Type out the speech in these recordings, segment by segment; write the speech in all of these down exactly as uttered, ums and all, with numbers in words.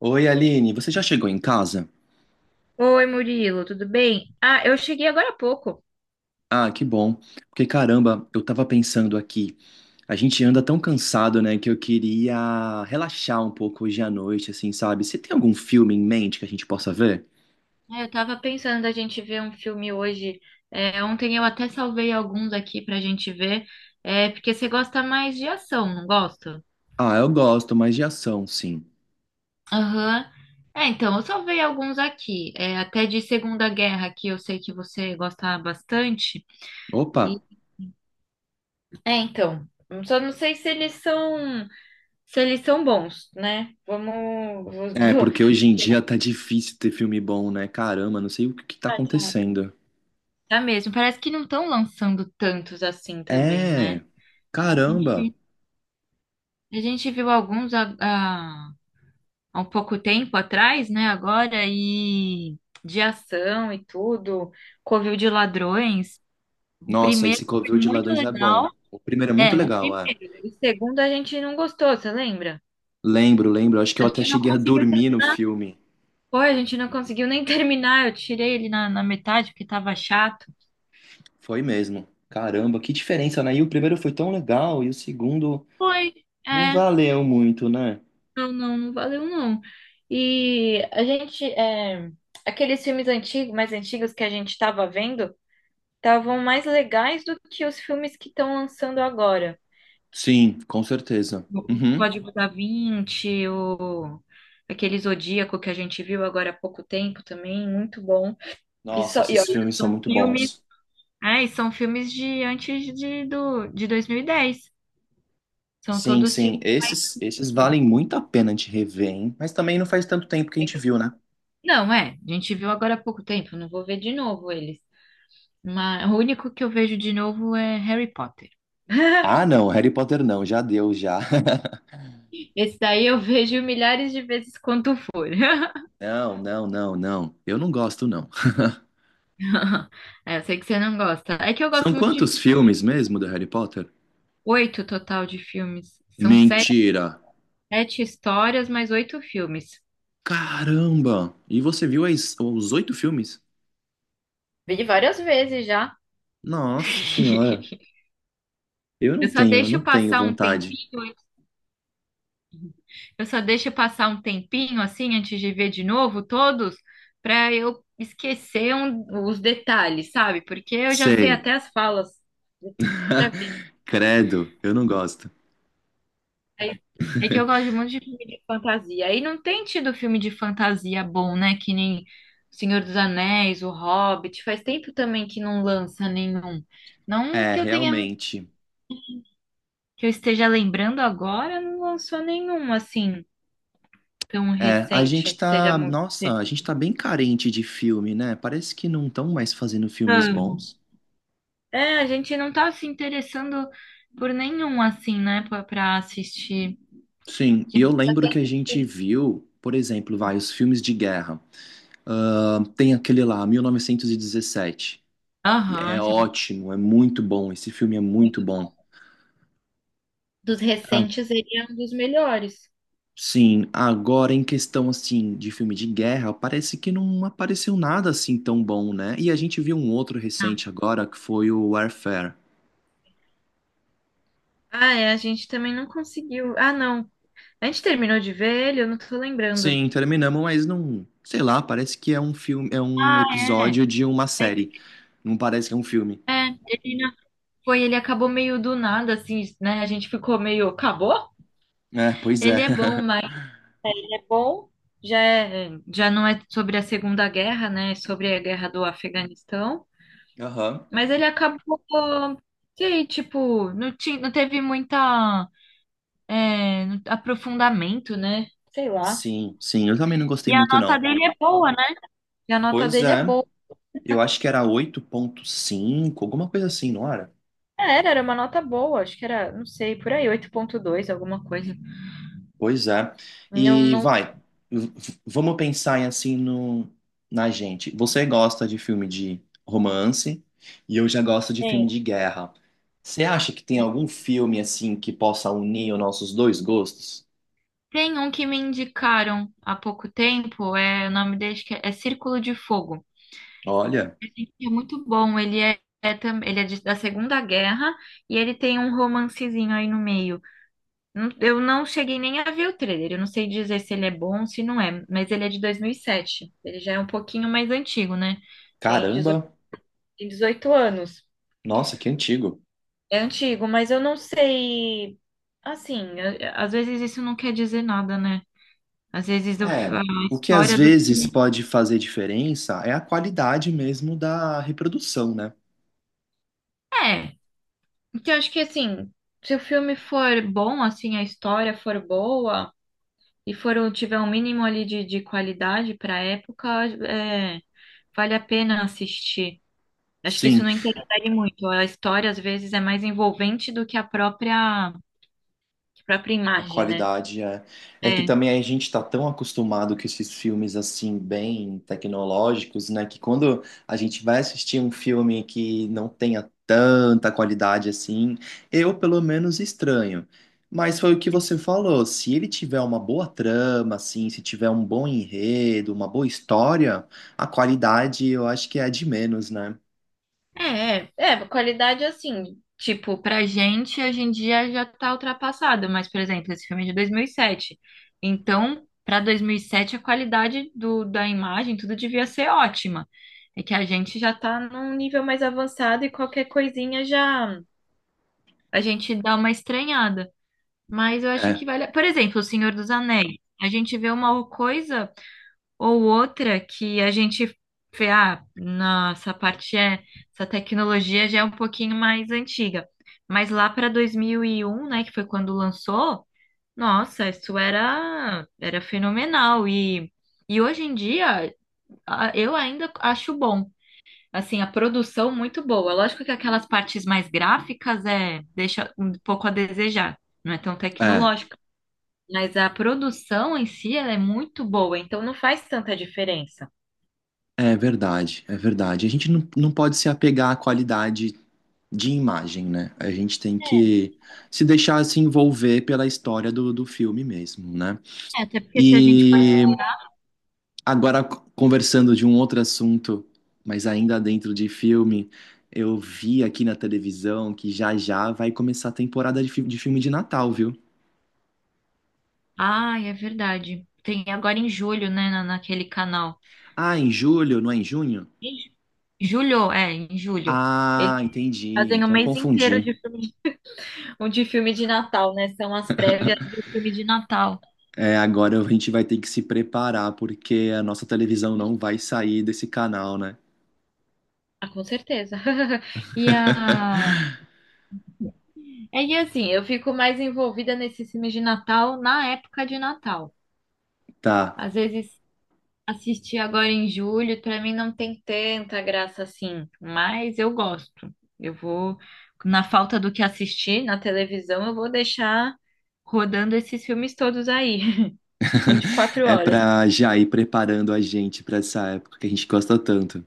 Oi, Aline, você já chegou em casa? Oi, Murilo, tudo bem? Ah, eu cheguei agora há pouco. Ah, que bom. Porque caramba, eu tava pensando aqui. A gente anda tão cansado, né, que eu queria relaxar um pouco hoje à noite, assim, sabe? Você tem algum filme em mente que a gente possa ver? É, Eu tava pensando da gente ver um filme hoje. É, ontem eu até salvei alguns aqui pra gente ver. É, porque você gosta mais de ação, não gosta? Ah, eu gosto, mas de ação, sim. Aham. É, então, eu salvei alguns aqui. É, até de Segunda Guerra, que eu sei que você gosta bastante. Opa! E... É, então. Só não sei se eles são, se eles são bons, né? Vamos. É, vou- porque hoje em dia tá difícil ter filme bom, né? Caramba, não sei o que que tá vou- acontecendo. Tá mesmo. Parece que não estão lançando tantos assim também, É, né? A caramba. gente, a gente viu alguns há, há- há um pouco tempo atrás, né? Agora, e de ação e tudo, Covil de Ladrões. O Nossa, esse primeiro foi Covil de muito Ladrões é bom. legal. O primeiro é muito É, o legal, é. primeiro. O segundo a gente não gostou, você lembra? Lembro, lembro. Acho que eu A até gente não cheguei a conseguiu dormir no terminar. filme. Foi, a gente não conseguiu nem terminar. Eu tirei ele na, na metade porque tava chato. Foi mesmo. Caramba, que diferença, né? E o primeiro foi tão legal e o segundo Foi. não É. valeu muito, né? Não, não, não valeu não. E a gente, é, aqueles filmes antigos, mais antigos que a gente estava vendo, estavam mais legais do que os filmes que estão lançando agora. Sim, com certeza. O Uhum. Código da Vinci, o aquele Zodíaco que a gente viu agora há pouco tempo também, muito bom. E, Nossa, só, e esses olha, filmes são são muito filmes, bons. é, e são filmes de antes de, do, de dois mil e dez. São Sim, todos sim, filmes. esses, esses valem muito a pena de rever, hein? Mas também não faz tanto tempo que a gente viu, né? Não, é, a gente viu agora há pouco tempo, não vou ver de novo eles. Mas o único que eu vejo de novo é Harry Potter. Ah, não, Harry Potter não, já deu, já. Esse daí eu vejo milhares de vezes quanto for. Não, não, não, não. Eu não gosto, não. É, eu sei que você não gosta. É que eu São gosto muito de quantos filme de- filmes mesmo do Harry Potter? oito total de filmes. São sete, Mentira! sete histórias, mais oito filmes. Caramba! E você viu as- os oito filmes? Vi várias vezes já. Nossa senhora! Eu não Eu só tenho, eu deixo não tenho passar um vontade. tempinho Eu só deixo passar um tempinho assim antes de ver de novo todos, para eu esquecer um- os detalhes, sabe? Porque eu já sei Sei. até as falas. De Outra vez. Credo, eu não gosto. Aí- É que eu gosto muito de filme de fantasia. Aí não tem tido filme de fantasia bom, né? Que nem O Senhor dos Anéis, O Hobbit. Faz tempo também que não lança nenhum. Não É, que eu tenha, realmente. que eu esteja lembrando agora, não lançou nenhum assim tão É, a recente gente que seja tá, muito. nossa, a gente tá bem carente de filme, né? Parece que não estão mais fazendo filmes bons. É, a gente não tá se interessando por nenhum, assim, né, pra, pra assistir. Sim, A e eu gente só quer lembro que a gente assistir. viu, por exemplo, vai, os filmes de guerra. Ah, tem aquele lá, mil novecentos e dezessete, que Aham, é isso é muito ótimo, é muito bom, esse filme é muito bom. bom. Dos Ah, recentes, ele é um dos melhores. sim, agora em questão assim de filme de guerra, parece que não apareceu nada assim tão bom, né? E a gente viu um outro recente agora que foi o Warfare. Ah, é, a gente também não conseguiu. Ah, não. A gente terminou de ver ele, eu não tô lembrando. Sim, terminamos, mas não, sei lá, parece que é um filme, é um Ah, é. episódio de uma série. Não parece que é um filme. É, ele não- foi, ele acabou meio do nada, assim, né? A gente ficou meio, acabou? É, pois Ele é. é bom, mas é bom. Já é, já não é sobre a Segunda Guerra, né? É sobre a guerra do Afeganistão. Aham. Mas ele acabou, sei, tipo, não, ti- não teve muita é, aprofundamento, né? Sei lá. Sim, sim, eu também não gostei E a muito nota não. dele é boa, né? E a nota Pois dele é é, boa. eu acho que era oito ponto cinco alguma coisa assim, não era? Era, era uma nota boa, acho que era, não sei, por aí, oito ponto dois, alguma coisa. Pois é. Não, E não vai, v- v- vamos pensar em, assim no, na gente. Você gosta de filme de romance e eu já gosto de filme tem. de guerra. Você acha que tem algum filme assim que possa unir os nossos dois gostos? Tem um que me indicaram há pouco tempo, é, o nome dele acho que é, é Círculo de Fogo. Olha, Esse aqui é muito bom, ele é, é, tam- ele é de- da Segunda Guerra e ele tem um romancezinho aí no meio. Não- Eu não cheguei nem a ver o trailer. Eu não sei dizer se ele é bom ou se não é, mas ele é de dois mil e sete. Ele já é um pouquinho mais antigo, né? Tem dezoito caramba, tem dezoito anos. nossa, que antigo. É antigo, mas eu não sei. Assim, a- às vezes isso não quer dizer nada, né? Às vezes eu É, a o que às história do vezes filme. pode fazer diferença é a qualidade mesmo da reprodução, né? É. Então, eu acho que assim, se o filme for bom, assim, a história for boa e for um- tiver um mínimo ali de, de qualidade para época, é, vale a pena assistir. Acho que isso Sim, não interfere muito. A história, às vezes, é mais envolvente do que a própria, que a própria a imagem, né? qualidade é. É que É, também a gente está tão acostumado com esses filmes assim, bem tecnológicos, né? Que quando a gente vai assistir um filme que não tenha tanta qualidade assim, eu pelo menos estranho. Mas foi o que você falou, se ele tiver uma boa trama, assim, se tiver um bom enredo, uma boa história, a qualidade eu acho que é a de menos, né? é, é, é, qualidade assim. Tipo, pra gente, hoje em dia já tá ultrapassada. Mas, por exemplo, esse filme é de dois mil e sete. Então, pra dois mil e sete, a qualidade do, da imagem, tudo devia ser ótima. É que a gente já tá num nível mais avançado e qualquer coisinha já. A gente dá uma estranhada. Mas eu acho É, que vale. a- Por exemplo, O Senhor dos Anéis. A gente vê uma coisa ou outra que a gente vê, ah, nossa, parte é, essa tecnologia já é um pouquinho mais antiga. Mas lá para dois mil e um, né, que foi quando lançou, nossa, isso era era fenomenal e e hoje em dia a- eu ainda acho bom. Assim, a produção muito boa. Lógico que aquelas partes mais gráficas é deixa um pouco a desejar. Não é tão é, tecnológico, mas a produção em si, ela é muito boa, então não faz tanta diferença. é verdade, é verdade. A gente não, não pode se apegar à qualidade de imagem, né? A gente tem É, que se deixar se envolver pela história do, do filme mesmo, né? até porque se a gente for. E agora, conversando de um outro assunto, mas ainda dentro de filme, eu vi aqui na televisão que já já vai começar a temporada de, fi- de filme de Natal, viu? Ai, é verdade. Tem agora em julho, né, na, naquele canal. Ah, em julho, não é em junho? Em ju- Julho, é, em julho. Eles Ah, entendi. fazem o Então mês inteiro confundi. de filme, um de filme de Natal, né? São as prévias do filme de Natal. É, agora a gente vai ter que se preparar, porque a nossa televisão Ih, não vai sair desse canal, né? ah, com certeza. E a... é, e assim, eu fico mais envolvida nesses filmes de Natal na época de Natal. Tá. Às vezes. Assisti agora em julho, pra mim não tem tanta graça assim, mas eu gosto. Eu vou, na falta do que assistir na televisão, eu vou deixar rodando esses filmes todos aí, vinte e quatro É horas. pra já ir preparando a gente pra essa época que a gente gosta tanto.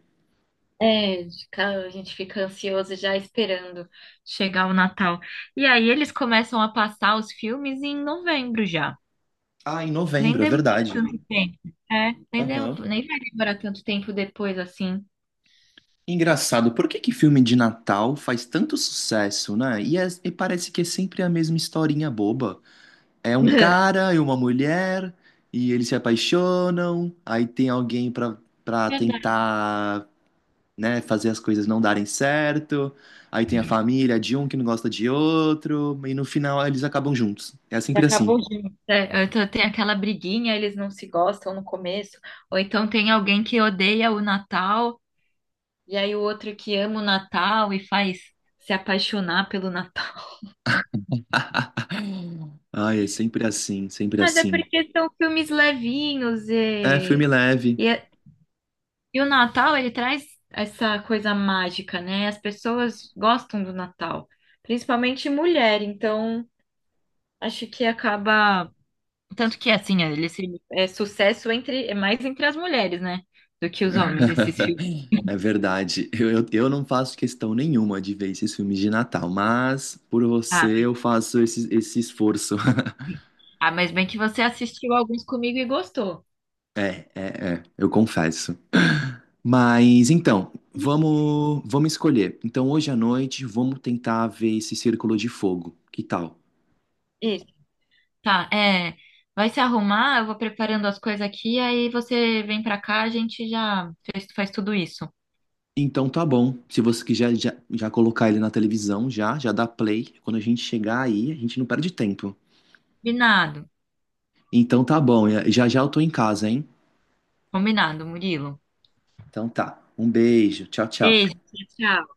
É, fica- a gente fica ansioso já esperando chegar o Natal. E aí eles começam a passar os filmes em novembro já. Ah, em Nem novembro, é demora verdade. tanto tempo. É, nem, dem- Aham. nem vai demorar tanto tempo depois assim. Engraçado, por que que filme de Natal faz tanto sucesso, né? E, é- e parece que é sempre a mesma historinha boba. É um cara e uma mulher, e eles se apaixonam, aí tem alguém pra, pra, Verdade. tentar, né, fazer as coisas não darem certo, aí tem a família de um que não gosta de outro, e no final eles acabam juntos. É E sempre assim. acabou junto. É, ou então tem aquela briguinha, eles não se gostam no começo, ou então tem alguém que odeia o Natal, e aí o outro que ama o Natal e faz se apaixonar pelo Natal. Ai, é sempre assim, sempre Mas é assim. porque são filmes levinhos É filme e, leve. e, é- e o Natal ele traz essa coisa mágica, né? As pessoas gostam do Natal, principalmente mulher, então acho que acaba. Tanto que, assim, ele se, é sucesso entre, é mais entre as mulheres, né? Do que os homens, esses filmes. É verdade. Eu, eu, eu não faço questão nenhuma de ver esses filmes de Natal, mas por Ah, você eu faço esse, esse esforço. ah, mas bem que você assistiu alguns comigo e gostou. É, é, é, eu confesso. Mas então, vamos, vamos escolher. Então, hoje à noite, vamos tentar ver esse Círculo de Fogo. Que tal? Isso. Tá, é. Vai se arrumar, eu vou preparando as coisas aqui, aí você vem pra cá, a gente já fez- faz tudo isso. Então, tá bom. Se você quiser já, já colocar ele na televisão, já, já dá play. Quando a gente chegar aí, a gente não perde tempo. Combinado, Então tá bom, já já eu tô em casa, hein? combinado, Murilo. Então tá. Um beijo. Tchau, tchau. Beijo, tchau.